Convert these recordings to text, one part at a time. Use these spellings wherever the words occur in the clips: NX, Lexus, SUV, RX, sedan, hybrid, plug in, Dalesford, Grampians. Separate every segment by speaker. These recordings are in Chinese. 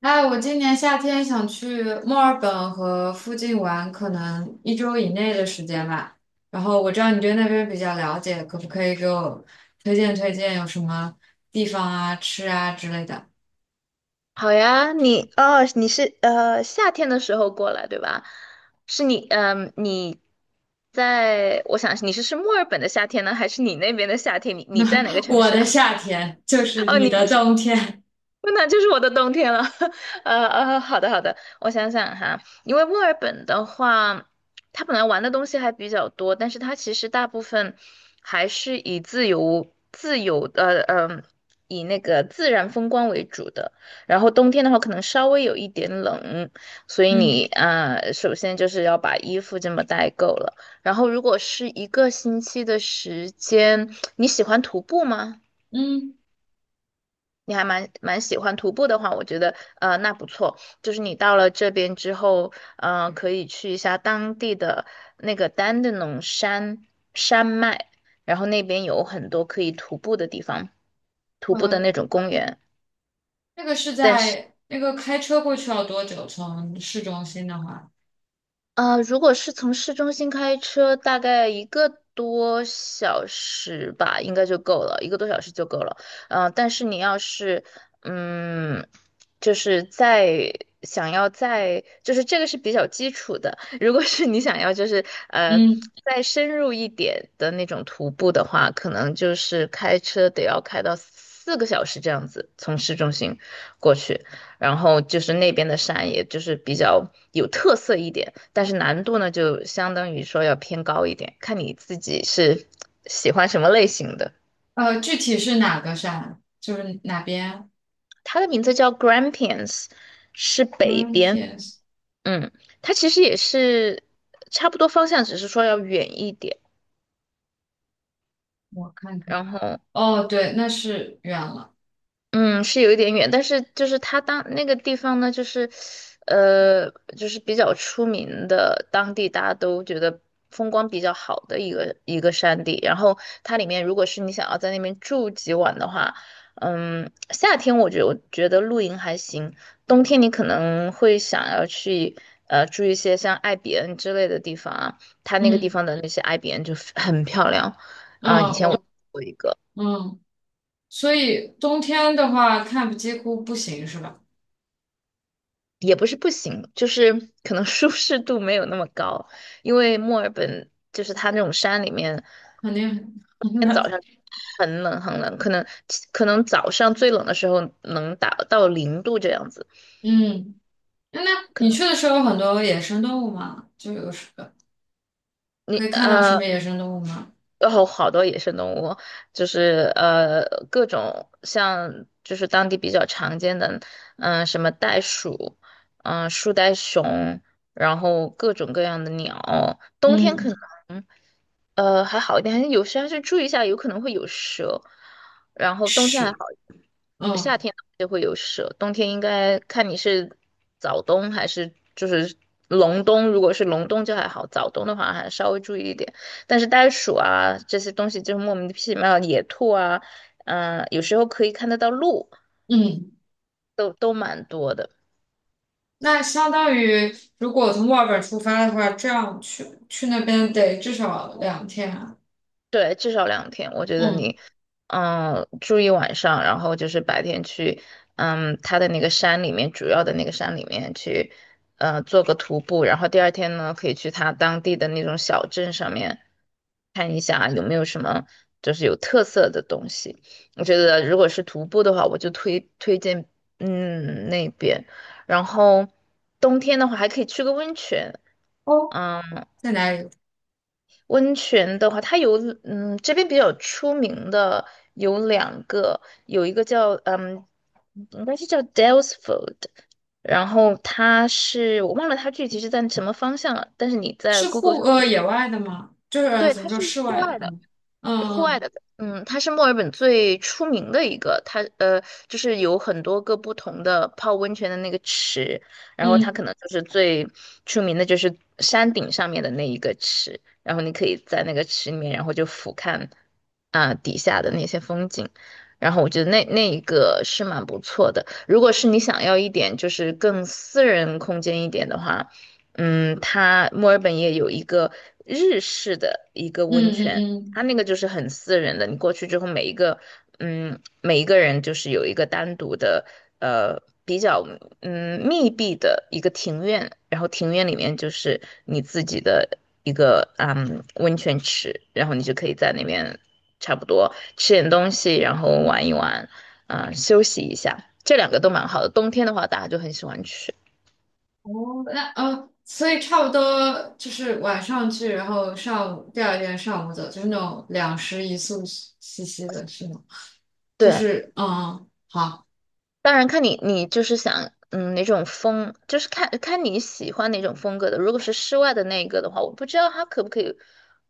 Speaker 1: 哎，我今年夏天想去墨尔本和附近玩，可能一周以内的时间吧。然后我知道你对那边比较了解，可不可以给我推荐推荐有什么地方啊、吃啊之类的？
Speaker 2: 好呀，你是夏天的时候过来对吧？是你嗯、你在我想你是墨尔本的夏天呢，还是你那边的夏天？你在哪个 城
Speaker 1: 我
Speaker 2: 市
Speaker 1: 的
Speaker 2: 啊？
Speaker 1: 夏天就 是
Speaker 2: 哦，
Speaker 1: 你
Speaker 2: 你的。
Speaker 1: 的冬天。
Speaker 2: 那就是我的冬天了。好的好的，我想想哈。因为墨尔本的话，它本来玩的东西还比较多，但是它其实大部分还是以自由自由呃呃，以那个自然风光为主的。然后冬天的话，可能稍微有一点冷，所 以
Speaker 1: 嗯
Speaker 2: 你首先就是要把衣服这么带够了。然后，如果是一个星期的时间，你喜欢徒步吗？
Speaker 1: 嗯，
Speaker 2: 你还蛮喜欢徒步的话，我觉得那不错。就是你到了这边之后，可以去一下当地的那个丹德农山脉，然后那边有很多可以徒步的地方，徒步的
Speaker 1: 呃，
Speaker 2: 那种公园。
Speaker 1: 那个是在那个开车过去要多久？从市中心的话，
Speaker 2: 如果是从市中心开车，大概一个多小时吧，应该就够了，一个多小时就够了。但是你要是，嗯，就是在想要在，就是这个是比较基础的。如果是你想要就是
Speaker 1: 嗯，
Speaker 2: 再深入一点的那种徒步的话，可能就是开车得要开到四个小时这样子，从市中心过去。然后就是那边的山，也就是比较有特色一点，但是难度呢，就相当于说要偏高一点，看你自己是喜欢什么类型的。
Speaker 1: 具体是哪个山？就是哪边
Speaker 2: 它的名字叫 Grampians，是
Speaker 1: g r e
Speaker 2: 北
Speaker 1: e n p
Speaker 2: 边。
Speaker 1: e a e
Speaker 2: 嗯，它其实也是差不多方向，只是说要远一点。
Speaker 1: 我看看。
Speaker 2: 然后
Speaker 1: 哦，对，那是远了。
Speaker 2: 嗯，是有一点远，但是就是它当那个地方呢，就是，呃，就是比较出名的，当地大家都觉得风光比较好的一个山地。然后它里面，如果是你想要在那边住几晚的话，夏天我觉得露营还行，冬天你可能会想要去住一些像艾比恩之类的地方啊，它那个地
Speaker 1: 嗯
Speaker 2: 方的那些艾比恩就很漂亮啊，以
Speaker 1: 嗯，
Speaker 2: 前我住
Speaker 1: 我
Speaker 2: 过一个。
Speaker 1: 嗯，所以冬天的话看几乎不行是吧？
Speaker 2: 也不是不行，就是可能舒适度没有那么高，因为墨尔本就是它那种山里面，
Speaker 1: 肯定很
Speaker 2: 天早
Speaker 1: 冷。
Speaker 2: 上很冷很冷，可能早上最冷的时候能达到零度这样子。
Speaker 1: 嗯，那
Speaker 2: 可
Speaker 1: 你
Speaker 2: 能
Speaker 1: 去的时候有很多野生动物吗？就有什可以
Speaker 2: 你
Speaker 1: 看到什么野生动物吗？
Speaker 2: 有好多野生动物，就是各种像就是当地比较常见的，什么袋鼠，树袋熊，然后各种各样的鸟，冬天可能。
Speaker 1: 嗯，
Speaker 2: 还好一点，还是有时还是注意一下，有可能会有蛇。然后冬天还好，
Speaker 1: 是，
Speaker 2: 夏
Speaker 1: 嗯
Speaker 2: 天就会有蛇。冬天应该看你是早冬还是就是隆冬，如果是隆冬就还好，早冬的话还稍微注意一点。但是袋鼠啊这些东西就是莫名其妙，野兔啊，有时候可以看得到鹿，
Speaker 1: 嗯，
Speaker 2: 都蛮多的。
Speaker 1: 那相当于如果从墨尔本出发的话，这样去那边得至少2天啊
Speaker 2: 对，至少两天，我觉得
Speaker 1: 嗯，
Speaker 2: 你，住一晚上，然后就是白天去，它的那个山里面，主要的那个山里面去，做个徒步，然后第二天呢，可以去它当地的那种小镇上面看一下有没有什么就是有特色的东西。我觉得如果是徒步的话，我就推荐，那边，然后冬天的话还可以去个温泉。
Speaker 1: 哦，
Speaker 2: 嗯。
Speaker 1: 在哪里？
Speaker 2: 温泉的话，它有这边比较出名的有两个，有一个叫应该是叫 Dalesford，然后它是我忘了它具体是在什么方向了，但是你在
Speaker 1: 是
Speaker 2: Google 上。
Speaker 1: 野外的吗？就是
Speaker 2: 对，
Speaker 1: 怎么
Speaker 2: 它
Speaker 1: 说
Speaker 2: 是
Speaker 1: 室
Speaker 2: 户
Speaker 1: 外的？
Speaker 2: 外的。户外
Speaker 1: 嗯
Speaker 2: 的，它是墨尔本最出名的一个，它就是有很多个不同的泡温泉的那个池，然后
Speaker 1: 嗯
Speaker 2: 它
Speaker 1: 嗯
Speaker 2: 可能就是最出名的就是山顶上面的那一个池，然后你可以在那个池里面，然后就俯瞰啊、底下的那些风景，然后我觉得那一个是蛮不错的。如果是你想要一点就是更私人空间一点的话，它墨尔本也有一个日式的一个
Speaker 1: 嗯
Speaker 2: 温
Speaker 1: 嗯
Speaker 2: 泉。他
Speaker 1: 嗯。
Speaker 2: 那个就是很私人的，你过去之后，每一个人就是有一个单独的，比较密闭的一个庭院，然后庭院里面就是你自己的一个温泉池，然后你就可以在那边差不多吃点东西，然后玩一玩，休息一下，这两个都蛮好的。冬天的话，大家就很喜欢去。
Speaker 1: 哦，那所以差不多就是晚上去，然后上午第二天上午走，就是那种两食一宿兮兮的，是吗？就
Speaker 2: 对，
Speaker 1: 是嗯，好，
Speaker 2: 当然看你就是想哪种风，就是看看你喜欢哪种风格的。如果是室外的那个的话，我不知道它可不可以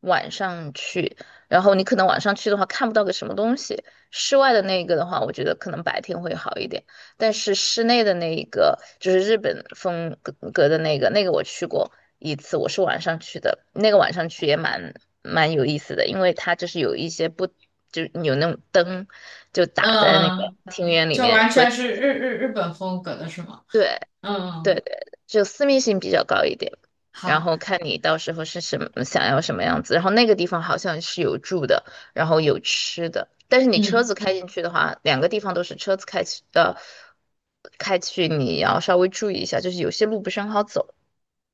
Speaker 2: 晚上去，然后你可能晚上去的话看不到个什么东西。室外的那个的话，我觉得可能白天会好一点，但是室内的那一个就是日本风格的那个，那个我去过一次，我是晚上去的，那个晚上去也蛮有意思的，因为它就是有一些不。就是有那种灯，就打在那个
Speaker 1: 嗯，
Speaker 2: 庭院里
Speaker 1: 就
Speaker 2: 面，
Speaker 1: 完
Speaker 2: 所
Speaker 1: 全
Speaker 2: 以
Speaker 1: 是日本风格的是吗？
Speaker 2: 对
Speaker 1: 嗯，
Speaker 2: 对，就私密性比较高一点，然
Speaker 1: 好，
Speaker 2: 后看你到时候是什么想要什么样子。然后那个地方好像是有住的，然后有吃的，但是你车
Speaker 1: 嗯，
Speaker 2: 子开进去的话，两个地方都是车子开去，你要稍微注意一下，就是有些路不是很好走。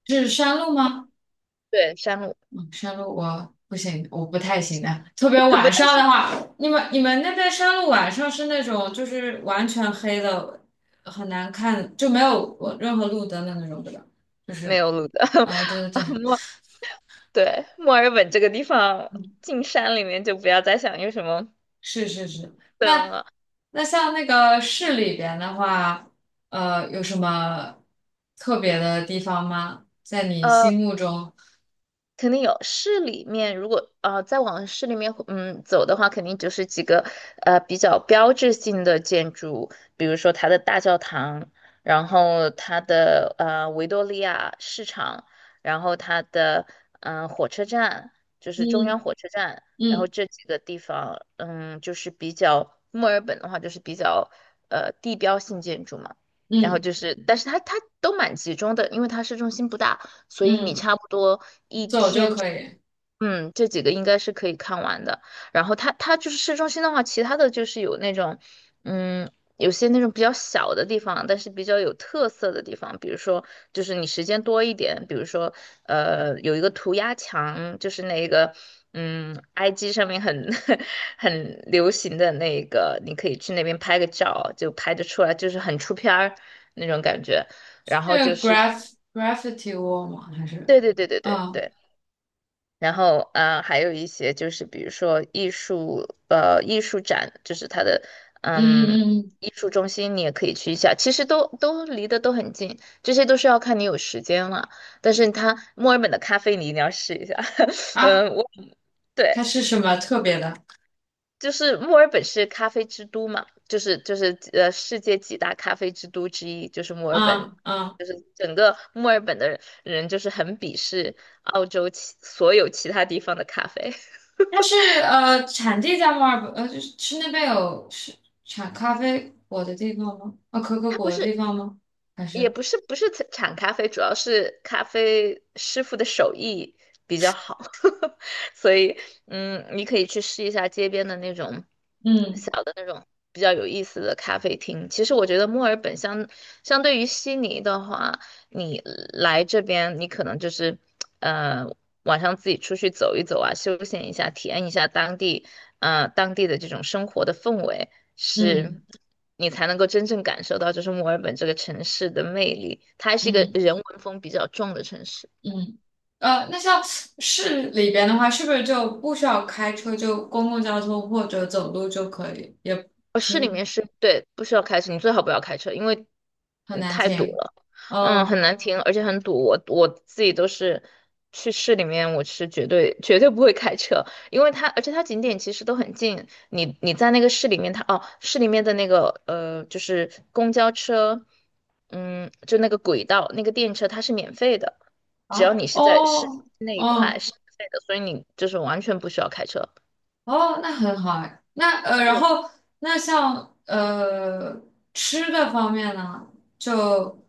Speaker 1: 是山路吗？
Speaker 2: 对，山路
Speaker 1: 嗯，山路我不行，我不太行的。特别
Speaker 2: 不
Speaker 1: 晚
Speaker 2: 太
Speaker 1: 上的
Speaker 2: 行，
Speaker 1: 话，你们那边山路晚上是那种就是完全黑的，很难看，就没有我任何路灯的那种，对吧？就
Speaker 2: 没
Speaker 1: 是
Speaker 2: 有路的。
Speaker 1: 啊、对对对，
Speaker 2: 啊，对，墨尔本这个地方进山里面就不要再想有什么
Speaker 1: 是是是。
Speaker 2: 灯
Speaker 1: 那
Speaker 2: 了。
Speaker 1: 那像那个市里边的话，有什么特别的地方吗？在你
Speaker 2: 呃。
Speaker 1: 心目中，
Speaker 2: 肯定有市里面，如果再往市里面走的话，肯定就是几个比较标志性的建筑，比如说它的大教堂，然后它的维多利亚市场，然后它的火车站，就是中央
Speaker 1: 嗯
Speaker 2: 火车站，然后
Speaker 1: 嗯
Speaker 2: 这几个地方，就是比较墨尔本的话，就是比较地标性建筑嘛。然后
Speaker 1: 嗯
Speaker 2: 就是，但是它都蛮集中的，因为它市中心不大，所以你
Speaker 1: 嗯，
Speaker 2: 差不多。
Speaker 1: 走就可以。
Speaker 2: 嗯，这几个应该是可以看完的。然后它就是市中心的话，其他的就是有那种，嗯，有些那种比较小的地方，但是比较有特色的地方，比如说就是你时间多一点，比如说有一个涂鸦墙，就是那个IG 上面很 很流行的那个，你可以去那边拍个照，就拍得出来，就是很出片儿那种感觉。然后
Speaker 1: 那
Speaker 2: 就
Speaker 1: 个
Speaker 2: 是
Speaker 1: graffiti wall 吗？还是，
Speaker 2: 对对对对对
Speaker 1: 啊，嗯
Speaker 2: 对。然后啊还有一些就是比如说艺术展，就是它的
Speaker 1: 嗯
Speaker 2: 嗯
Speaker 1: 嗯
Speaker 2: 艺术中心，你也可以去一下。其实都离得都很近，这些都是要看你有时间了。但是它墨尔本的咖啡你一定要试一下。
Speaker 1: 啊，
Speaker 2: 嗯，我对，
Speaker 1: 它是什么特别的？
Speaker 2: 就是墨尔本是咖啡之都嘛，就是世界几大咖啡之都之一，就是墨尔本。
Speaker 1: 啊啊，
Speaker 2: 就是整个墨尔本的人，就是很鄙视澳洲其所有其他地方的咖啡。
Speaker 1: 它是产地在墨尔本，就是那边有是产咖啡果的地方吗？啊，可可
Speaker 2: 它
Speaker 1: 果
Speaker 2: 不
Speaker 1: 的
Speaker 2: 是，
Speaker 1: 地方吗？还
Speaker 2: 也
Speaker 1: 是
Speaker 2: 不是，不是产咖啡，主要是咖啡师傅的手艺比较好，所以，你可以去试一下街边的那种
Speaker 1: 嗯
Speaker 2: 小的那种比较有意思的咖啡厅。其实我觉得墨尔本相对于悉尼的话，你来这边，你可能就是，呃，晚上自己出去走一走啊，休闲一下，体验一下当地，当地的这种生活的氛围。
Speaker 1: 嗯
Speaker 2: 是你才能够真正感受到，就是墨尔本这个城市的魅力。它还是一个
Speaker 1: 嗯
Speaker 2: 人文风比较重的城市。
Speaker 1: 嗯那像市里边的话，是不是就不需要开车，就公共交通或者走路就可以？也
Speaker 2: 呃市里
Speaker 1: 挺
Speaker 2: 面是对，不需要开车，你最好不要开车，因为
Speaker 1: 很难
Speaker 2: 太堵
Speaker 1: 听，
Speaker 2: 了，嗯，很
Speaker 1: 嗯。
Speaker 2: 难停，而且很堵。我自己都是去市里面，我是绝对绝对不会开车，因为它而且它景点其实都很近，你在那个市里面它，哦，市里面的那个就是公交车，嗯，就那个轨道那个电车它是免费的，只要
Speaker 1: 啊，
Speaker 2: 你是在市
Speaker 1: 哦，
Speaker 2: 那一块
Speaker 1: 哦，
Speaker 2: 是免费的，所以你就是完全不需要开车。
Speaker 1: 哦，那很好哎。那然后那像吃的方面呢，就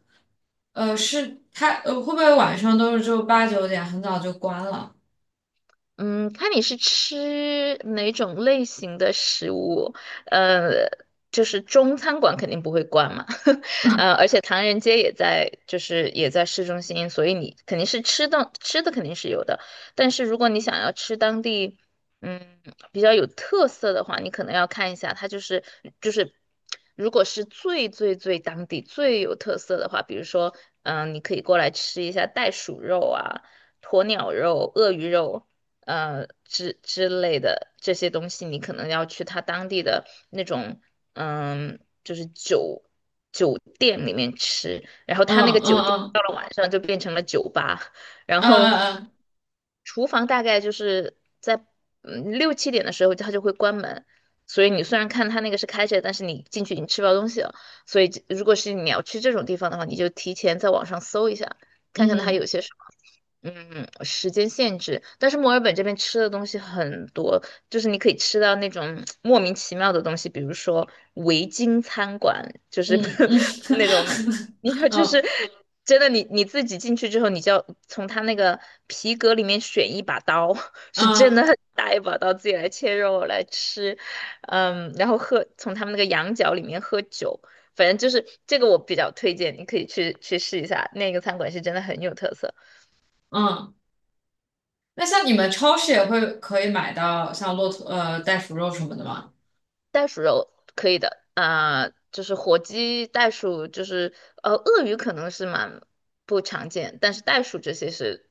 Speaker 1: 是他会不会晚上都是就8、9点很早就关了？
Speaker 2: 嗯，看你是吃哪种类型的食物，呃，就是中餐馆肯定不会关嘛，而且唐人街也在，就是也在市中心，所以你肯定是吃的肯定是有的，但是如果你想要吃当地，嗯，比较有特色的话，你可能要看一下，它就是，如果是最最最当地最有特色的话，比如说，嗯、你可以过来吃一下袋鼠肉啊、鸵鸟肉、鳄鱼肉。之类的这些东西，你可能要去他当地的那种嗯，就是酒店里面吃，然后
Speaker 1: 嗯
Speaker 2: 他那个酒店
Speaker 1: 嗯
Speaker 2: 到了晚上就变成了酒吧，然后
Speaker 1: 嗯
Speaker 2: 厨房大概就是在嗯六七点的时候他就会关门。所以你虽然看他那个是开着，但是你进去已经吃不到东西了。所以这如果是你要去这种地方的话，你就提前在网上搜一下，看看它
Speaker 1: 嗯
Speaker 2: 有些什么。嗯，时间限制，但是墨尔本这边吃的东西很多，就是你可以吃到那种莫名其妙的东西，比如说维京餐馆，就是
Speaker 1: 嗯嗯 嗯
Speaker 2: 那
Speaker 1: 嗯
Speaker 2: 种，你
Speaker 1: 嗯
Speaker 2: 看，就是
Speaker 1: 嗯
Speaker 2: 真的你，你自己进去之后，你就要从他那个皮革里面选一把刀，是真的
Speaker 1: 嗯
Speaker 2: 很大一把刀，自己来切肉来吃，嗯，然后喝，从他们那个羊角里面喝酒，反正就是这个我比较推荐，你可以去试一下，那个餐馆是真的很有特色。
Speaker 1: 嗯那像你们超市也会可以买到像骆驼袋鼠肉什么的吗？
Speaker 2: 袋鼠肉可以的啊、就是火鸡、袋鼠，就是鳄鱼可能是蛮不常见，但是袋鼠这些是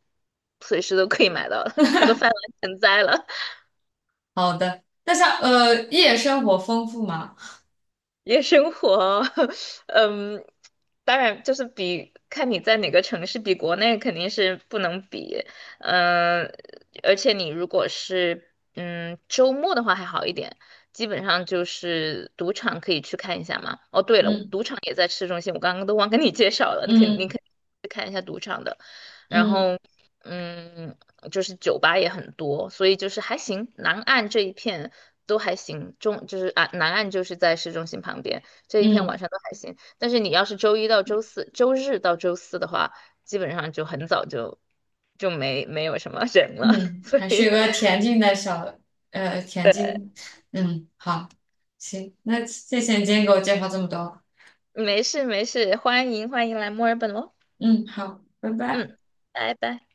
Speaker 2: 随时都可以买到的，它都泛滥成灾了。
Speaker 1: 好的。那像夜生活丰富吗？
Speaker 2: 夜生活，嗯，当然就是比看你在哪个城市，比国内肯定是不能比，嗯，而且你如果是嗯周末的话还好一点，基本上就是赌场可以去看一下嘛。哦，对了，
Speaker 1: 嗯
Speaker 2: 赌场也在市中心，我刚刚都忘跟你介绍了，你肯你
Speaker 1: 嗯
Speaker 2: 肯然
Speaker 1: 嗯
Speaker 2: 后嗯，就是酒吧也很多，所以就是还行。南岸这一片都还行，中就是啊，南岸就是在市中心旁边这一片晚
Speaker 1: 嗯
Speaker 2: 上都还行。但是你要是周一到周四、周日到周四的话，基本上就很早就就没有什么人了，
Speaker 1: 嗯，
Speaker 2: 所
Speaker 1: 还是有
Speaker 2: 以
Speaker 1: 个恬静的恬静，嗯，好，行，那谢谢你今天给我介绍这么多，
Speaker 2: 没事没事，欢迎欢迎来墨尔本喽，
Speaker 1: 嗯，好，拜拜。
Speaker 2: 嗯，拜拜。